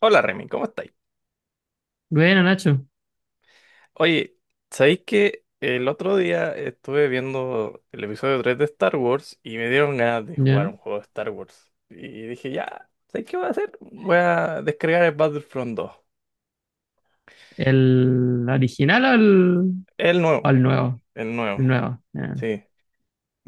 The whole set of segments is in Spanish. Hola Remy, ¿cómo estáis? Bueno, Nacho. Oye, ¿sabéis que el otro día estuve viendo el episodio 3 de Star Wars y me dieron ganas de jugar Ya. un juego de Star Wars? Y dije, ya, ¿sabéis qué voy a hacer? Voy a descargar el Battlefront 2. ¿El original o el, El nuevo, o el nuevo? el nuevo, El nuevo. Ya. sí.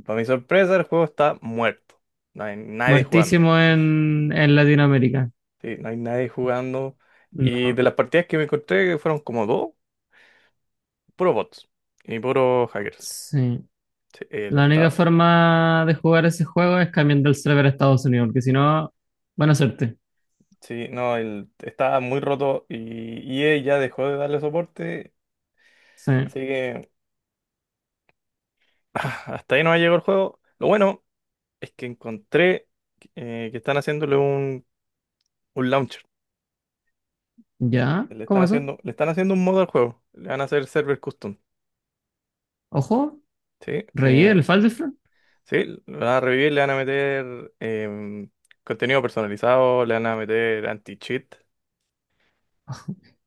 Para mi sorpresa, el juego está muerto. No hay nadie jugando. Muertísimo en Latinoamérica. Sí, no hay nadie jugando. Y No. de las partidas que me encontré fueron como dos, puro bots y puro hackers. Sí. Sí, el La única estado. forma de jugar ese juego es cambiando el server a Estados Unidos, porque si no, buena suerte. Sí, no, el, estaba muy roto y EA ya dejó de darle soporte, Sí. así que hasta ahí no ha llegado el juego. Lo bueno es que encontré que están haciéndole un launcher. ¿Ya? ¿Cómo eso? Le están haciendo un modo al juego. Le van a hacer server custom. Ojo, Sí, revive el Falderfront. sí, lo van a revivir, le van a meter contenido personalizado, le van a meter anti-cheat.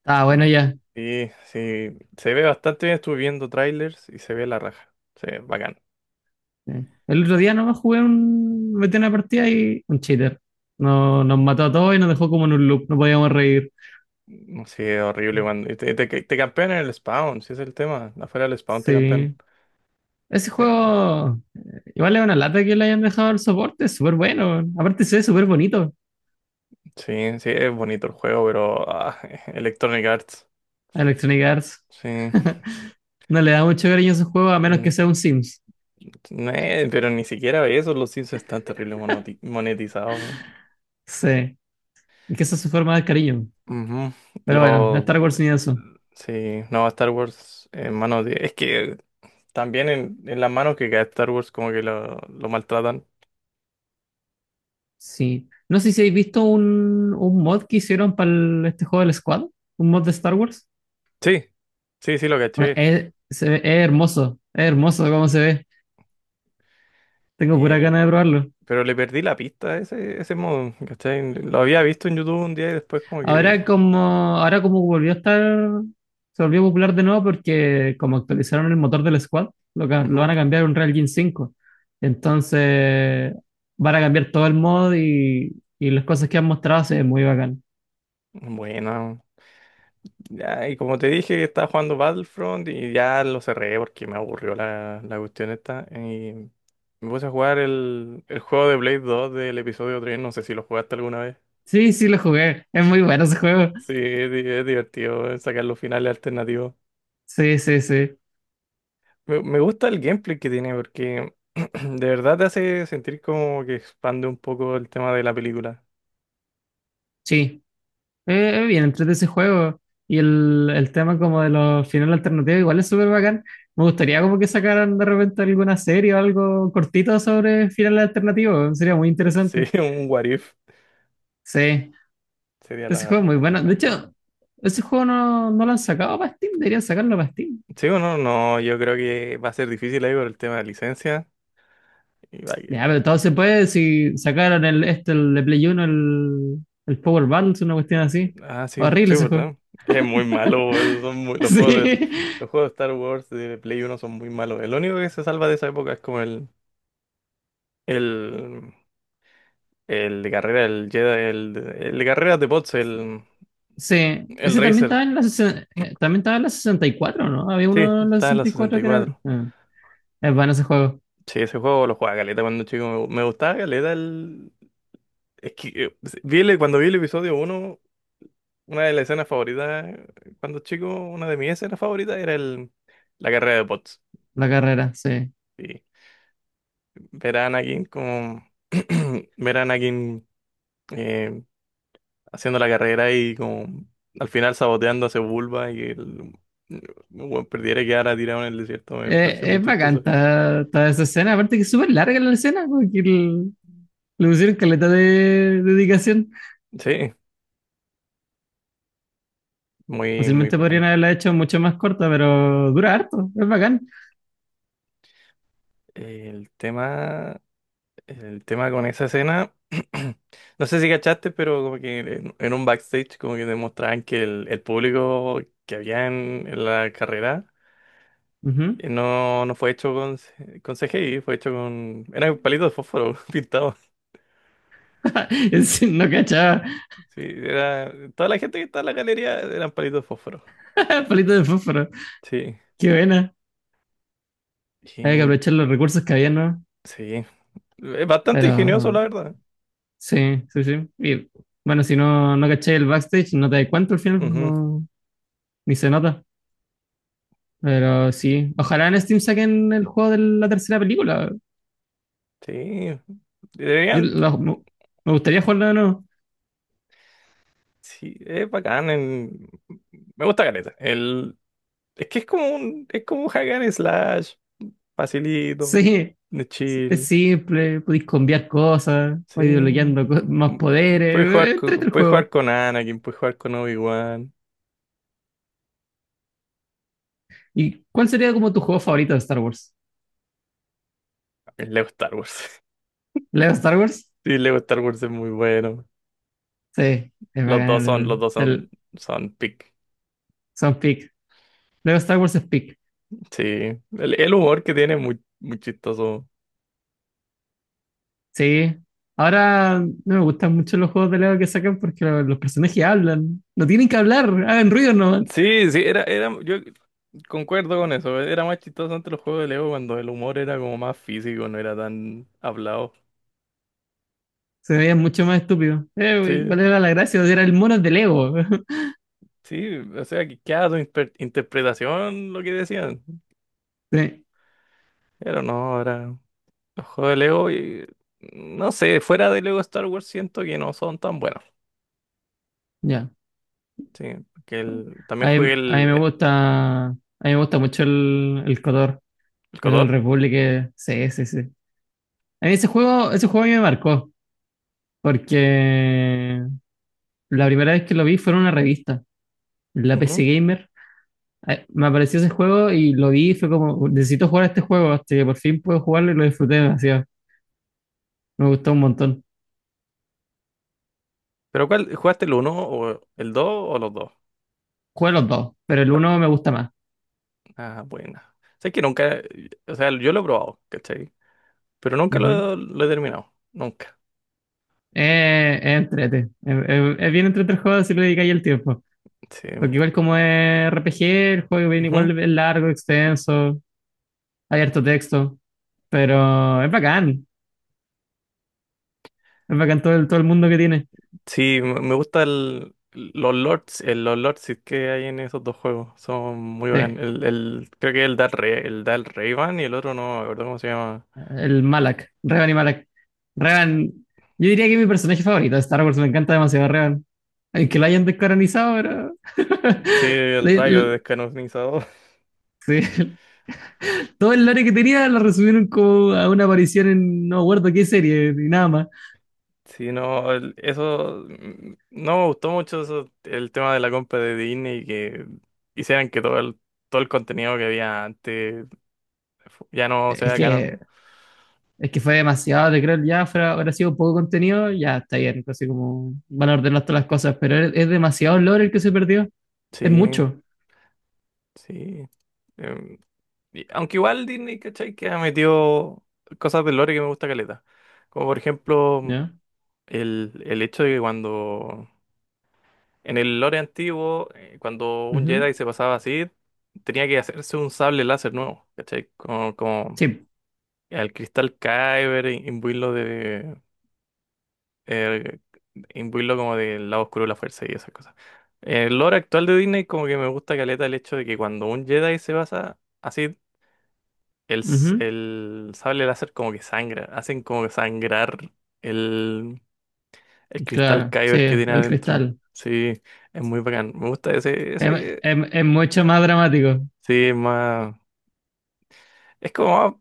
Ah, Y, bueno, ya. y sí, se ve bastante bien, estuve viendo trailers y se ve la raja. Se ve bacán. Sí. El otro día nomás jugué metí una partida y un cheater. No, nos mató a todos y nos dejó como en un loop. No podíamos reír. No sé, horrible cuando y te campean en el spawn, si es el tema. Afuera del spawn te campean. Sí. Ese Eh, juego, igual es una lata que le hayan dejado el soporte, es súper bueno. Aparte se ve súper bonito sí, sí, es bonito el juego, pero ah, Electronic Arts. a Electronic Arts. Sí. No le da mucho cariño a ese juego a menos Mm, que sea un Sims. no, pero ni siquiera eso, los Sims están terrible monoti- monetizados. Weón. Sí, y que esa es su forma de cariño. Ujú. Pero bueno, Lo, Star Wars ni eso. sí, no, Star Wars en manos de... Es que también en las manos que cae Star Wars como que lo maltratan. Sí. No sé si habéis visto un mod que hicieron para este juego del Squad, un mod de Star Wars. Sí, sí, sí, lo Bueno, caché. es hermoso, es hermoso cómo se ve. Tengo pura ganas Eh, de probarlo. Pero le perdí la pista a ese, ese modo, ¿cachai? Lo había visto en YouTube un día y después como que... Ahora como volvió a estar, se volvió popular de nuevo porque como actualizaron el motor del Squad, lo van Ujú. a cambiar a un Real Engine 5. Entonces van a cambiar todo el mod y, las cosas que han mostrado se ven muy bacán. Bueno, ya, y como te dije, estaba jugando Battlefront y ya lo cerré porque me aburrió la, la cuestión esta. Y me puse a jugar el juego de Blade 2 del episodio tres, no sé si lo jugaste alguna vez. Sí, sí, lo jugué. Es muy bueno ese juego. Sí, es, di- es divertido sacar los finales alternativos. Sí, sí, sí. Me gusta el gameplay que tiene porque de verdad te hace sentir como que expande un poco el tema de la película. Sí, bien, entrete ese juego. Y el tema como de los finales alternativos igual es súper bacán. Me gustaría como que sacaran de repente alguna serie o algo cortito sobre finales alternativos. Sería muy Sí, interesante. un what if. Sí, Sería ese la, juego es la, muy la bueno. De raja. hecho, ese juego no lo han sacado para Steam. Deberían sacarlo para Steam. Sí o no, no, yo creo que va a ser difícil ahí por el tema de licencia. Y va Ya, pero que- todo se puede si sacaron el, este, el de Play Uno el Power Battles, una cuestión así. Ah, sí, Horrible sí, ese juego. ¿verdad? Es muy malo, boludo, son muy- Sí. Los juegos de Star Wars de Play uno son muy malos. El único que se salva de esa época es como el, el de carrera, el Jedi, el de carreras de bots, Sí, el ese también Racer. estaba en la, sesen- también estaba en la 64, ¿no? Había Sí, uno en la está en la sesenta y cuatro. 64. Ah, es bueno ese juego, Sí, ese juego lo jugaba caleta cuando chico. Me gustaba caleta el... Es que vi el- cuando vi el episodio uno. Una de las escenas favoritas, cuando chico, una de mis escenas favoritas era el, la carrera de bots. la carrera, sí. Y ver a Anakin como, ver a Anakin eh, haciendo la carrera y como al final saboteando a ese Bulba y que el, bueno, perdiera y quedara tirado en el desierto me pareció Eh, muy es bacán chistoso. ta- toda esa escena, aparte que es súper larga la escena, porque le pusieron caleta de dedicación. Sí, muy, muy Fácilmente podrían bacán. haberla hecho mucho más corta, pero dura harto, es bacán. El tema. El tema con esa escena, no sé si cachaste, pero como que en un backstage como que demostraban que el público que había en la carrera Ujú. No, no fue hecho con, C- con CGI, fue hecho con... Eran palitos de fósforo pintados. No cachaba, Sí, era, toda la gente que estaba en la galería eran palitos de fósforo. palito de fósforo, Sí, qué buena. Hay que y, aprovechar los recursos que había, ¿no? sí. Es bastante ingenioso, la Pero verdad. sí, sí, sí. Y bueno, si no, no caché el backstage, no te das cuenta al final, pues Ujú. no, ni se nota. Oh, Pero sí, ojalá en Steam saquen el juego de la tercera película. sí, Yo deberían... la- me me gustaría jugarlo de nuevo. Sí, es bacán. En- me gusta caleta. El, es que es como un hack and slash, facilito, Sí, de es chill. simple, podéis cambiar cosas, Sí, podéis desbloqueando más mm, poderes, entrete el puedes jugar juego. con Anakin, puedes jugar con Obi-Wan. ¿Y cuál sería como tu juego favorito de Star Wars? El Lego Star Wars. ¿Lego Star Wars? Sí, el Lego Star Wars es muy bueno. Sí, es bacán Los dos son, el son pick. son pick. Lego Star Wars es pick. Sí, el humor que tiene es muy, muy chistoso. Sí. Ahora no me gustan mucho los juegos de Lego que sacan porque los personajes hablan. No tienen que hablar, hagan ruido nomás. Sí, sí, era, era, yo concuerdo con eso. Era más chistoso antes los juegos de Lego cuando el humor era como más físico, no era tan hablado. Se veían mucho más estúpidos. Güey, Sí. ¿cuál era la gracia? Era el mono de Lego. Sí, o sea, que queda tu inter- interpretación lo que decían. Sí, Pero no, ahora los juegos de Lego, y, no sé, fuera de Lego Star Wars siento que no son tan buenos. ya. Sí, que el, también A mí, jugué a mí me gusta. A mí me gusta mucho el Cotor, el el KOTOR. Republic. Sí, sí, sí. A mí ese juego a mí me marcó. Porque la primera vez que lo vi fue en una revista, la PC Ujú. Gamer. Me apareció ese juego y lo vi y fue como, necesito jugar este juego, hasta que por fin puedo jugarlo y lo disfruté demasiado. Me gustó un montón. Pero ¿cuál? ¿Jugaste el uno o el 2 o los dos? Jugué los dos, pero el uno me gusta más. Ah, buena. Sé que nunca, o sea, yo lo he probado, ¿cachai? Pero nunca Ujú. lo, lo he terminado, nunca. Es entrete. Es bien entrete el juego si le dedicáis el tiempo. Sí. Porque igual como es RPG, el juego viene Ujú. igual es largo, extenso, hay harto texto. Pero es bacán. Es bacán todo el mundo que tiene. Sí, me me gusta el, los lords que hay en esos dos juegos. Son muy Sí, buenos. El, creo que el da el, Re- el da el Rayban y el otro no, me acuerdo cómo se llama. el Malak, Revan y Malak. Revan, yo diría que es mi personaje favorito de Star Wars, me encanta demasiado Revan. El que la hayan descaranizado era. Sí, el Le- rayo le- descanonizador. sí. Todo el lore que tenía lo resumieron como a una aparición en no me acuerdo qué serie, ni nada más. Sí, no, el- eso, mm, no me gustó mucho eso, el tema de la compra de Disney y que hicieran que todo el contenido que había antes fu- ya no Es sea que, canon. es que fue demasiado de creer, ya fuera, habrá sido poco contenido, ya está bien, casi como van a ordenar todas las cosas, pero es demasiado lore el que se perdió, es Sí, mucho, sí. em, Y- aunque igual Disney, ¿cachai? Que ha metido cosas del lore que me gusta caleta. Como por ejemplo, ¿ya? El hecho de que cuando. En el lore antiguo, cuando un Ujú. Jedi se pasaba así, tenía que hacerse un sable láser nuevo, ¿cachai? Como, como Sí, el cristal Kyber, im- imbuirlo de. eh, Imbuirlo como del lado oscuro de la fuerza y esas cosas. El lore actual de Disney, como que me gusta caleta el hecho de que cuando un Jedi se basa. Así el, s- ujú. el sable láser como que sangra, hacen como que sangrar el, el cristal Claro, sí, Kyber que tiene el adentro. cristal. Sí, es muy bacán. Me gusta ese, Es, ese, es mucho más dramático, sí, es más, es como más,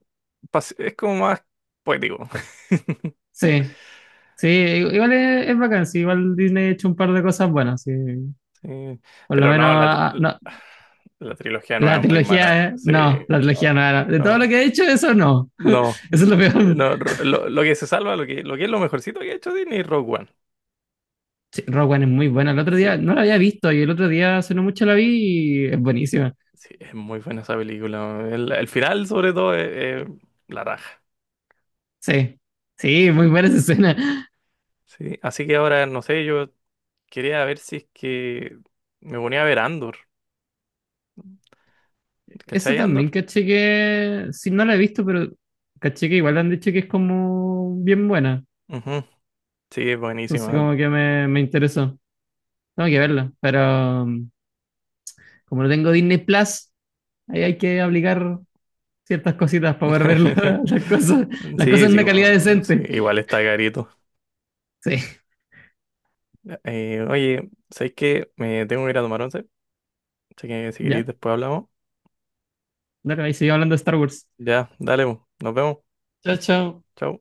pas- es como más poético. sí. Sí, igual es bacán, sí, igual Disney ha hecho un par de cosas buenas, sí. Sí, Por lo pero menos, no, la, tri- no, la trilogía nueva la es muy mala. trilogía, Sí, no, la trilogía no, no era. De todo lo no, que ha hecho, eso no. no. Eso es lo peor. No, ro- lo que se salva, lo que es lo mejorcito que ha hecho Disney es Rogue One. Sí, Rogue One es muy buena. El otro día Sí, no la había visto y el otro día hace no mucho la vi y es buenísima. sí, es muy buena esa película. El final, sobre todo, es la raja. Sí, sí, muy buena esa escena. Sí, así que ahora, no sé, yo quería ver si es que me ponía a ver Andor. Eso ¿Cachai también Andor? caché que, sí, no la he visto, pero caché que igual han dicho que es como bien buena. Ujú. Sí, es Entonces buenísima. como que me interesó. Tengo que verla, pero como no tengo Disney Plus. Ahí hay que aplicar ciertas cositas para poder ver las cosas Sí, en sí, una calidad bueno, sí, decente. igual está carito. Sí, Oye, ¿sabes qué? Me tengo que ir a tomar once. Así que si ya. queréis, después hablamos. Dale, ahí sigue hablando de Star Wars. Ya, dale, po. Nos vemos. Chao, chao. Chau.